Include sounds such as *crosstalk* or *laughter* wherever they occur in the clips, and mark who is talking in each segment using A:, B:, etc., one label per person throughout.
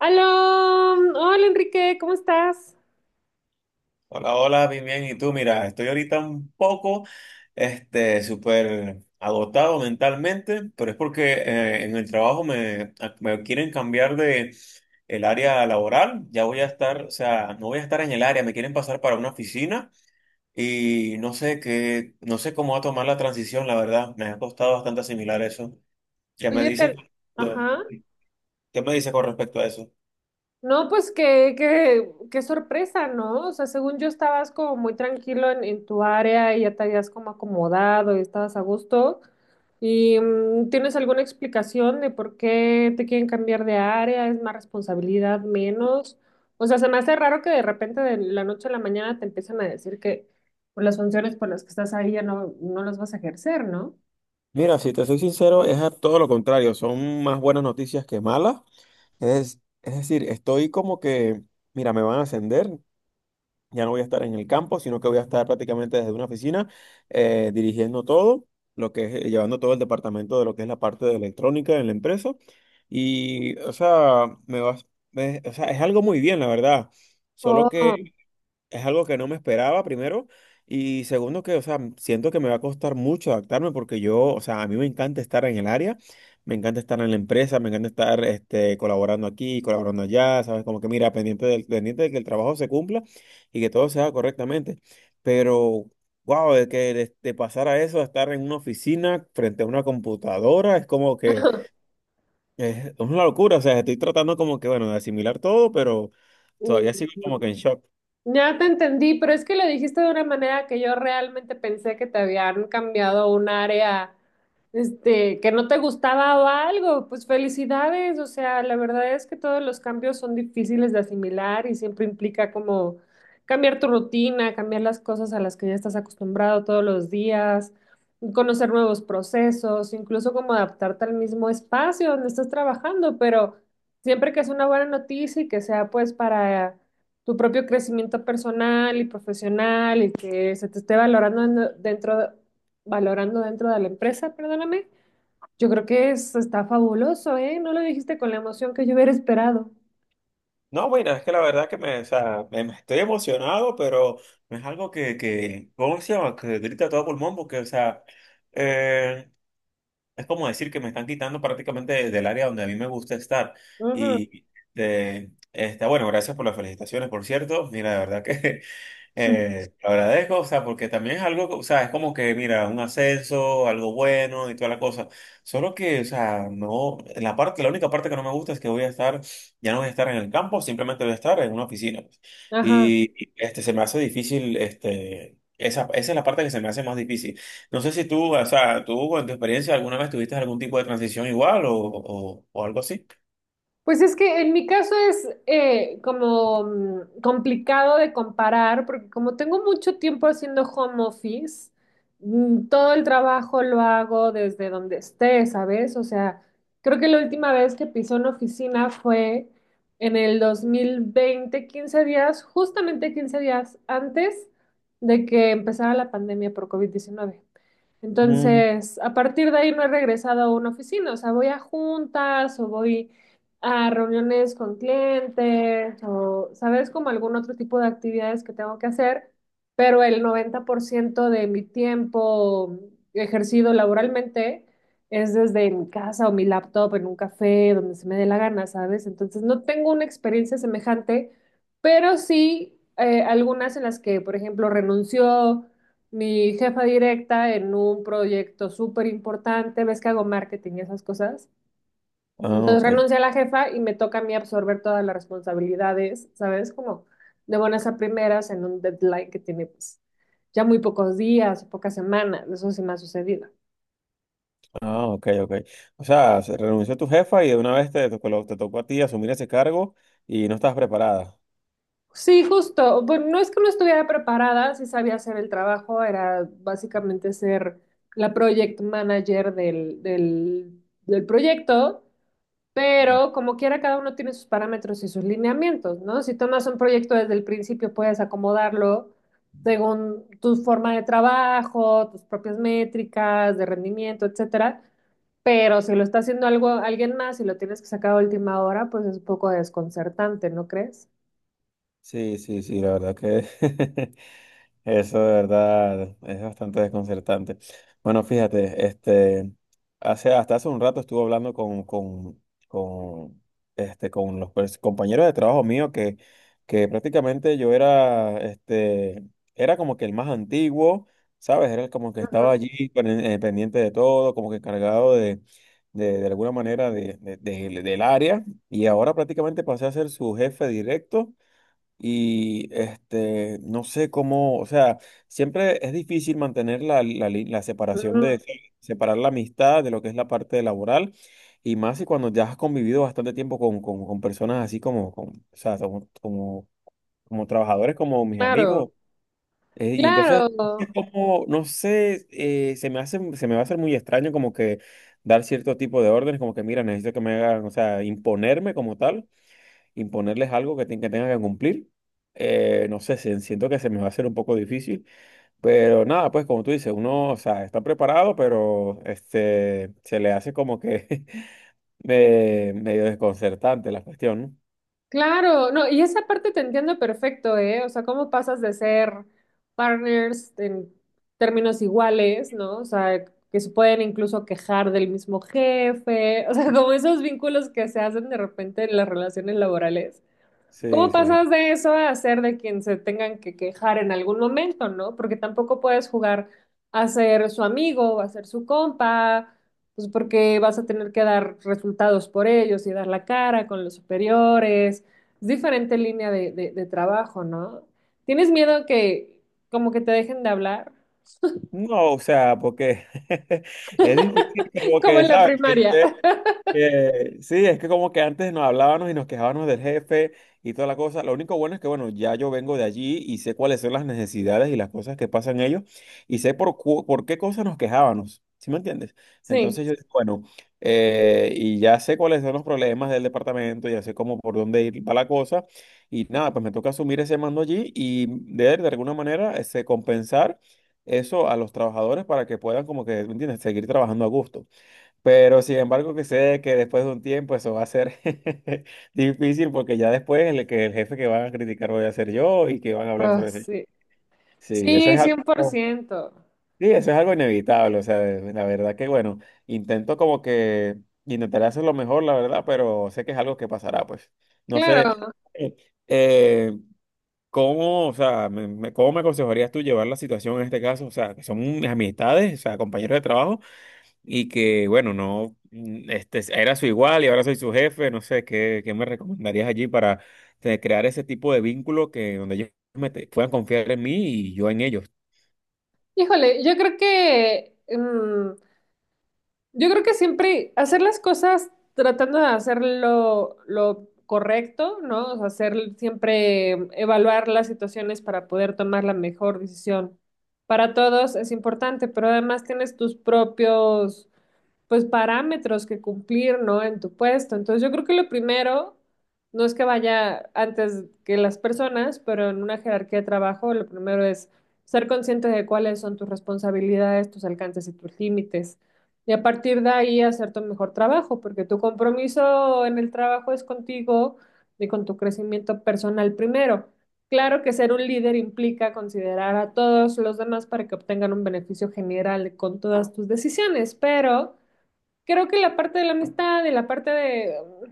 A: Aló, hola Enrique, ¿cómo estás?
B: Hola, hola, bien, bien. ¿Y tú? Mira, estoy ahorita un poco, súper agotado mentalmente, pero es porque en el trabajo me quieren cambiar de el área laboral. Ya voy a estar, o sea, no voy a estar en el área, me quieren pasar para una oficina y no sé qué, no sé cómo va a tomar la transición, la verdad. Me ha costado bastante asimilar eso. ¿Qué me
A: Oye,
B: dices?
A: pero, ajá,
B: ¿Qué me dices con respecto a eso?
A: no, pues qué sorpresa, ¿no? O sea, según yo estabas como muy tranquilo en tu área y ya te habías como acomodado y estabas a gusto. ¿Y tienes alguna explicación de por qué te quieren cambiar de área? ¿Es más responsabilidad, menos? O sea, se me hace raro que de repente de la noche a la mañana te empiecen a decir que pues, las funciones por las que estás ahí ya no las vas a ejercer, ¿no?
B: Mira, si te soy sincero, es a todo lo contrario. Son más buenas noticias que malas. Es decir, estoy como que, mira, me van a ascender, ya no voy a estar en el campo, sino que voy a estar prácticamente desde una oficina, dirigiendo todo, lo que es, llevando todo el departamento de lo que es la parte de electrónica en la empresa. Y, o sea, o sea, es algo muy bien, la verdad. Solo que
A: Oh.
B: es algo que no me esperaba, primero. Y segundo, que, o sea, siento que me va a costar mucho adaptarme porque yo, o sea, a mí me encanta estar en el área, me encanta estar en la empresa, me encanta estar colaborando aquí, colaborando allá, ¿sabes? Como que mira, pendiente de que el trabajo se cumpla y que todo se haga correctamente. Pero, wow, de pasar a eso, a estar en una oficina frente a una computadora, es como que es una locura. O sea, estoy tratando como que, bueno, de asimilar todo, pero todavía
A: mm,
B: sigo como que en shock.
A: Ya te entendí, pero es que lo dijiste de una manera que yo realmente pensé que te habían cambiado un área, que no te gustaba o algo. Pues felicidades, o sea, la verdad es que todos los cambios son difíciles de asimilar y siempre implica como cambiar tu rutina, cambiar las cosas a las que ya estás acostumbrado todos los días, conocer nuevos procesos, incluso como adaptarte al mismo espacio donde estás trabajando, pero siempre que es una buena noticia y que sea pues para tu propio crecimiento personal y profesional y que se te esté valorando dentro, valorando dentro de la empresa, perdóname, yo creo que es, está fabuloso, ¿eh? No lo dijiste con la emoción que yo hubiera esperado.
B: No, bueno, es que la verdad que o sea, me estoy emocionado, pero no es algo ¿cómo se llama? Que grita a todo pulmón, porque, o sea, eh, es como decir que me están quitando prácticamente del área donde a mí me gusta estar.
A: Ujú.
B: Y, de, este, bueno, gracias por las felicitaciones, por cierto. Mira, de verdad que *laughs*
A: *laughs*
B: Te agradezco, o sea, porque también es algo, o sea, es como que, mira, un ascenso, algo bueno y toda la cosa. Solo que, o sea, no, la parte, la única parte que no me gusta es que voy a estar, ya no voy a estar en el campo, simplemente voy a estar en una oficina, pues.
A: Ajá.
B: Y este, se me hace difícil, este, esa es la parte que se me hace más difícil. No sé si tú, o sea, tú en tu experiencia alguna vez tuviste algún tipo de transición igual o algo así.
A: Pues es que en mi caso es como complicado de comparar, porque como tengo mucho tiempo haciendo home office, mm, todo el trabajo lo hago desde donde esté, ¿sabes? O sea, creo que la última vez que pisé una oficina fue en el 2020, 15 días, justamente 15 días antes de que empezara la pandemia por COVID-19.
B: Mm,
A: Entonces, a partir de ahí no he regresado a una oficina, o sea, voy a juntas o voy a reuniones con clientes o, ¿sabes? Como algún otro tipo de actividades que tengo que hacer, pero el 90% de mi tiempo ejercido laboralmente es desde mi casa o mi laptop en un café, donde se me dé la gana, ¿sabes? Entonces, no tengo una experiencia semejante, pero sí algunas en las que, por ejemplo, renunció mi jefa directa en un proyecto súper importante, ves que hago marketing y esas cosas.
B: ah,
A: Entonces
B: ok.
A: renuncia a la jefa y me toca a mí absorber todas las responsabilidades, ¿sabes? Como de buenas a primeras en un deadline que tiene pues ya muy pocos días o pocas semanas, eso sí me ha sucedido.
B: Ah, ok, ok. O sea, se renunció tu jefa y de una vez te tocó a ti asumir ese cargo y no estabas preparada.
A: Sí, justo, bueno, no es que no estuviera preparada, sí sabía hacer el trabajo, era básicamente ser la project manager del proyecto. Pero como quiera, cada uno tiene sus parámetros y sus lineamientos, ¿no? Si tomas un proyecto desde el principio, puedes acomodarlo según tu forma de trabajo, tus propias métricas de rendimiento, etcétera. Pero si lo está haciendo algo, alguien más y lo tienes que sacar a última hora, pues es un poco desconcertante, ¿no crees?
B: Sí, sí, sí, la verdad que... *laughs* Eso de verdad es bastante desconcertante. Bueno, fíjate, este, hace, hasta hace un rato estuve hablando con este, con los compañeros de trabajo mío que prácticamente yo era, este, era como que el más antiguo, ¿sabes? Era como que estaba allí pendiente de todo, como que encargado de alguna manera de, del área y ahora prácticamente pasé a ser su jefe directo. Y este, no sé cómo, o sea, siempre es difícil mantener la la separación
A: Ujú.
B: de, separar la amistad de lo que es la parte laboral, y más si cuando ya has convivido bastante tiempo con personas así como, o sea, como trabajadores, como mis
A: Claro,
B: amigos. Y entonces,
A: claro.
B: es como, no sé, se me hace, se me va a hacer muy extraño como que dar cierto tipo de órdenes, como que mira, necesito que me hagan, o sea, imponerme como tal imponerles algo que tengan que cumplir. No sé, siento que se me va a hacer un poco difícil, pero nada, pues como tú dices, uno, o sea, está preparado, pero este, se le hace como que *laughs* medio desconcertante la cuestión, ¿no?
A: Claro, no, y esa parte te entiendo perfecto, ¿eh? O sea, cómo pasas de ser partners en términos iguales, ¿no? O sea, que se pueden incluso quejar del mismo jefe, *laughs* o sea, como esos vínculos que se hacen de repente en las relaciones laborales.
B: Sí,
A: ¿Cómo
B: sí.
A: pasas de eso a ser de quien se tengan que quejar en algún momento, ¿no? Porque tampoco puedes jugar a ser su amigo, a ser su compa, pues porque vas a tener que dar resultados por ellos y dar la cara con los superiores. Es diferente línea de trabajo, ¿no? ¿Tienes miedo que como que te dejen de hablar?
B: No, o sea, porque *laughs* es difícil
A: *laughs*
B: como
A: Como
B: que,
A: en la
B: ¿sabes?
A: primaria. *laughs*
B: Sí, es que como que antes nos hablábamos y nos quejábamos del jefe y toda la cosa. Lo único bueno es que, bueno, ya yo vengo de allí y sé cuáles son las necesidades y las cosas que pasan ellos y sé por qué cosas nos quejábamos. ¿Sí me entiendes? Entonces
A: Sí.
B: yo digo, bueno, y ya sé cuáles son los problemas del departamento, ya sé cómo por dónde ir para la cosa y nada, pues me toca asumir ese mando allí y de alguna manera este, compensar eso a los trabajadores para que puedan como que, ¿me entiendes?, seguir trabajando a gusto. Pero sin embargo, que sé que después de un tiempo eso va a ser *laughs* difícil porque ya después el, que el jefe que van a criticar voy a ser yo y que van a hablar
A: Ah,
B: sobre eso.
A: sí.
B: Sí, eso
A: Sí,
B: es
A: cien por
B: algo,
A: ciento.
B: sí, eso es algo inevitable. O sea, la verdad que bueno, intento como que intentaré hacer lo mejor, la verdad, pero sé que es algo que pasará, pues. No sé,
A: Claro.
B: eh, eh, ¿cómo, o sea, cómo me aconsejarías tú llevar la situación en este caso? O sea, que son amistades, o sea, compañeros de trabajo y que, bueno, no, mm, este, era su igual y ahora soy su jefe, no sé, ¿qué me recomendarías allí para crear ese tipo de vínculo que donde ellos puedan confiar en mí y yo en ellos?
A: Híjole, yo creo que... mm, yo creo que siempre hacer las cosas tratando de hacer lo correcto, ¿no? O sea, hacer siempre evaluar las situaciones para poder tomar la mejor decisión. Para todos es importante, pero además tienes tus propios pues parámetros que cumplir, ¿no? En tu puesto. Entonces yo creo que lo primero, no es que vaya antes que las personas, pero en una jerarquía de trabajo, lo primero es ser consciente de cuáles son tus responsabilidades, tus alcances y tus límites. Y a partir de ahí hacer tu mejor trabajo, porque tu compromiso en el trabajo es contigo y con tu crecimiento personal primero. Claro que ser un líder implica considerar a todos los demás para que obtengan un beneficio general con todas tus decisiones, pero creo que la parte de la amistad y la parte de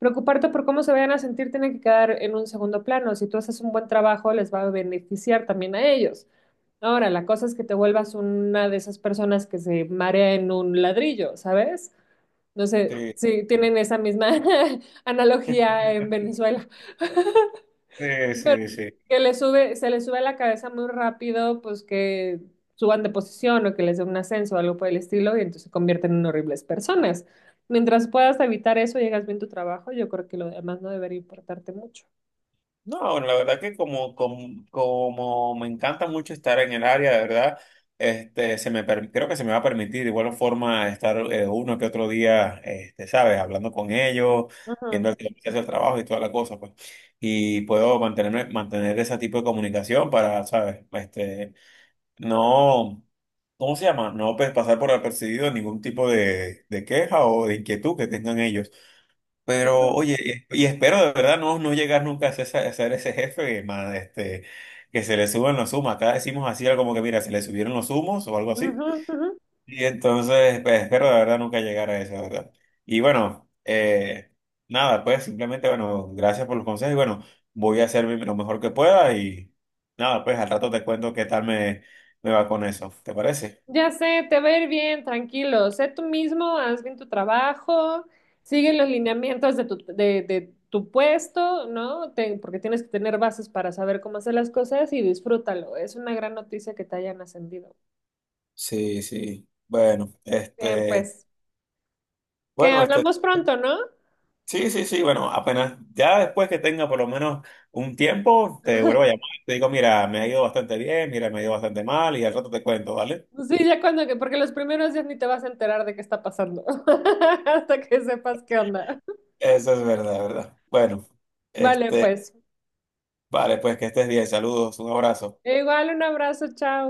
A: preocuparte por cómo se vayan a sentir tiene que quedar en un segundo plano. Si tú haces un buen trabajo, les va a beneficiar también a ellos. Ahora, la cosa es que te vuelvas una de esas personas que se marea en un ladrillo, ¿sabes? No sé
B: Sí,
A: si tienen
B: sí,
A: esa misma *laughs* analogía en Venezuela. *laughs*
B: sí,
A: Pero
B: sí.
A: que le sube, se le sube la cabeza muy rápido, pues que suban de posición o que les dé un ascenso o algo por el estilo, y entonces se convierten en horribles personas. Mientras puedas evitar eso, llegas bien a tu trabajo, yo creo que lo demás no debería importarte mucho.
B: No, bueno, la verdad que como me encanta mucho estar en el área, de verdad, este, creo que se me va a permitir de igual forma estar uno que otro día, este, ¿sabes? Hablando con ellos, viendo
A: Ujú,
B: el que hace el trabajo y toda la cosa, pues. Y puedo mantener ese tipo de comunicación para, ¿sabes? Este, no, ¿cómo se llama? No pues, pasar por apercibido ningún tipo de queja o de inquietud que tengan ellos. Pero,
A: ujú,
B: oye, y espero de verdad no llegar nunca a ser, a ser ese jefe, más este, que se le suben los humos. Acá decimos así algo como que, mira, se le subieron los humos o algo así.
A: ujú, ujú.
B: Y entonces, pues, espero de verdad nunca llegar a eso, de ¿verdad? Y bueno, nada, pues simplemente, bueno, gracias por los consejos y bueno, voy a hacer lo mejor que pueda y nada, pues al rato te cuento qué tal me va con eso, ¿te parece?
A: Ya sé, te va a ir bien, tranquilo. Sé tú mismo, haz bien tu trabajo, sigue los lineamientos de tu puesto, ¿no? Te- porque tienes que tener bases para saber cómo hacer las cosas y disfrútalo. Es una gran noticia que te hayan ascendido.
B: Sí, sí. Bueno,
A: Bien,
B: este,
A: pues, que
B: bueno, este.
A: hablamos pronto, ¿no?
B: Sí, sí, sí, bueno, apenas, ya después que tenga por lo menos un tiempo, te vuelvo a llamar. Te digo, mira, me ha ido bastante bien, mira, me ha ido bastante mal y al rato te cuento, ¿vale?
A: Pues sí, ya cuando que, porque los primeros días ni te vas a enterar de qué está pasando, *laughs* hasta que sepas qué onda.
B: Eso es verdad, ¿verdad? Bueno,
A: Vale,
B: este,
A: pues.
B: vale, pues que estés bien, saludos, un abrazo.
A: E igual, un abrazo, chao.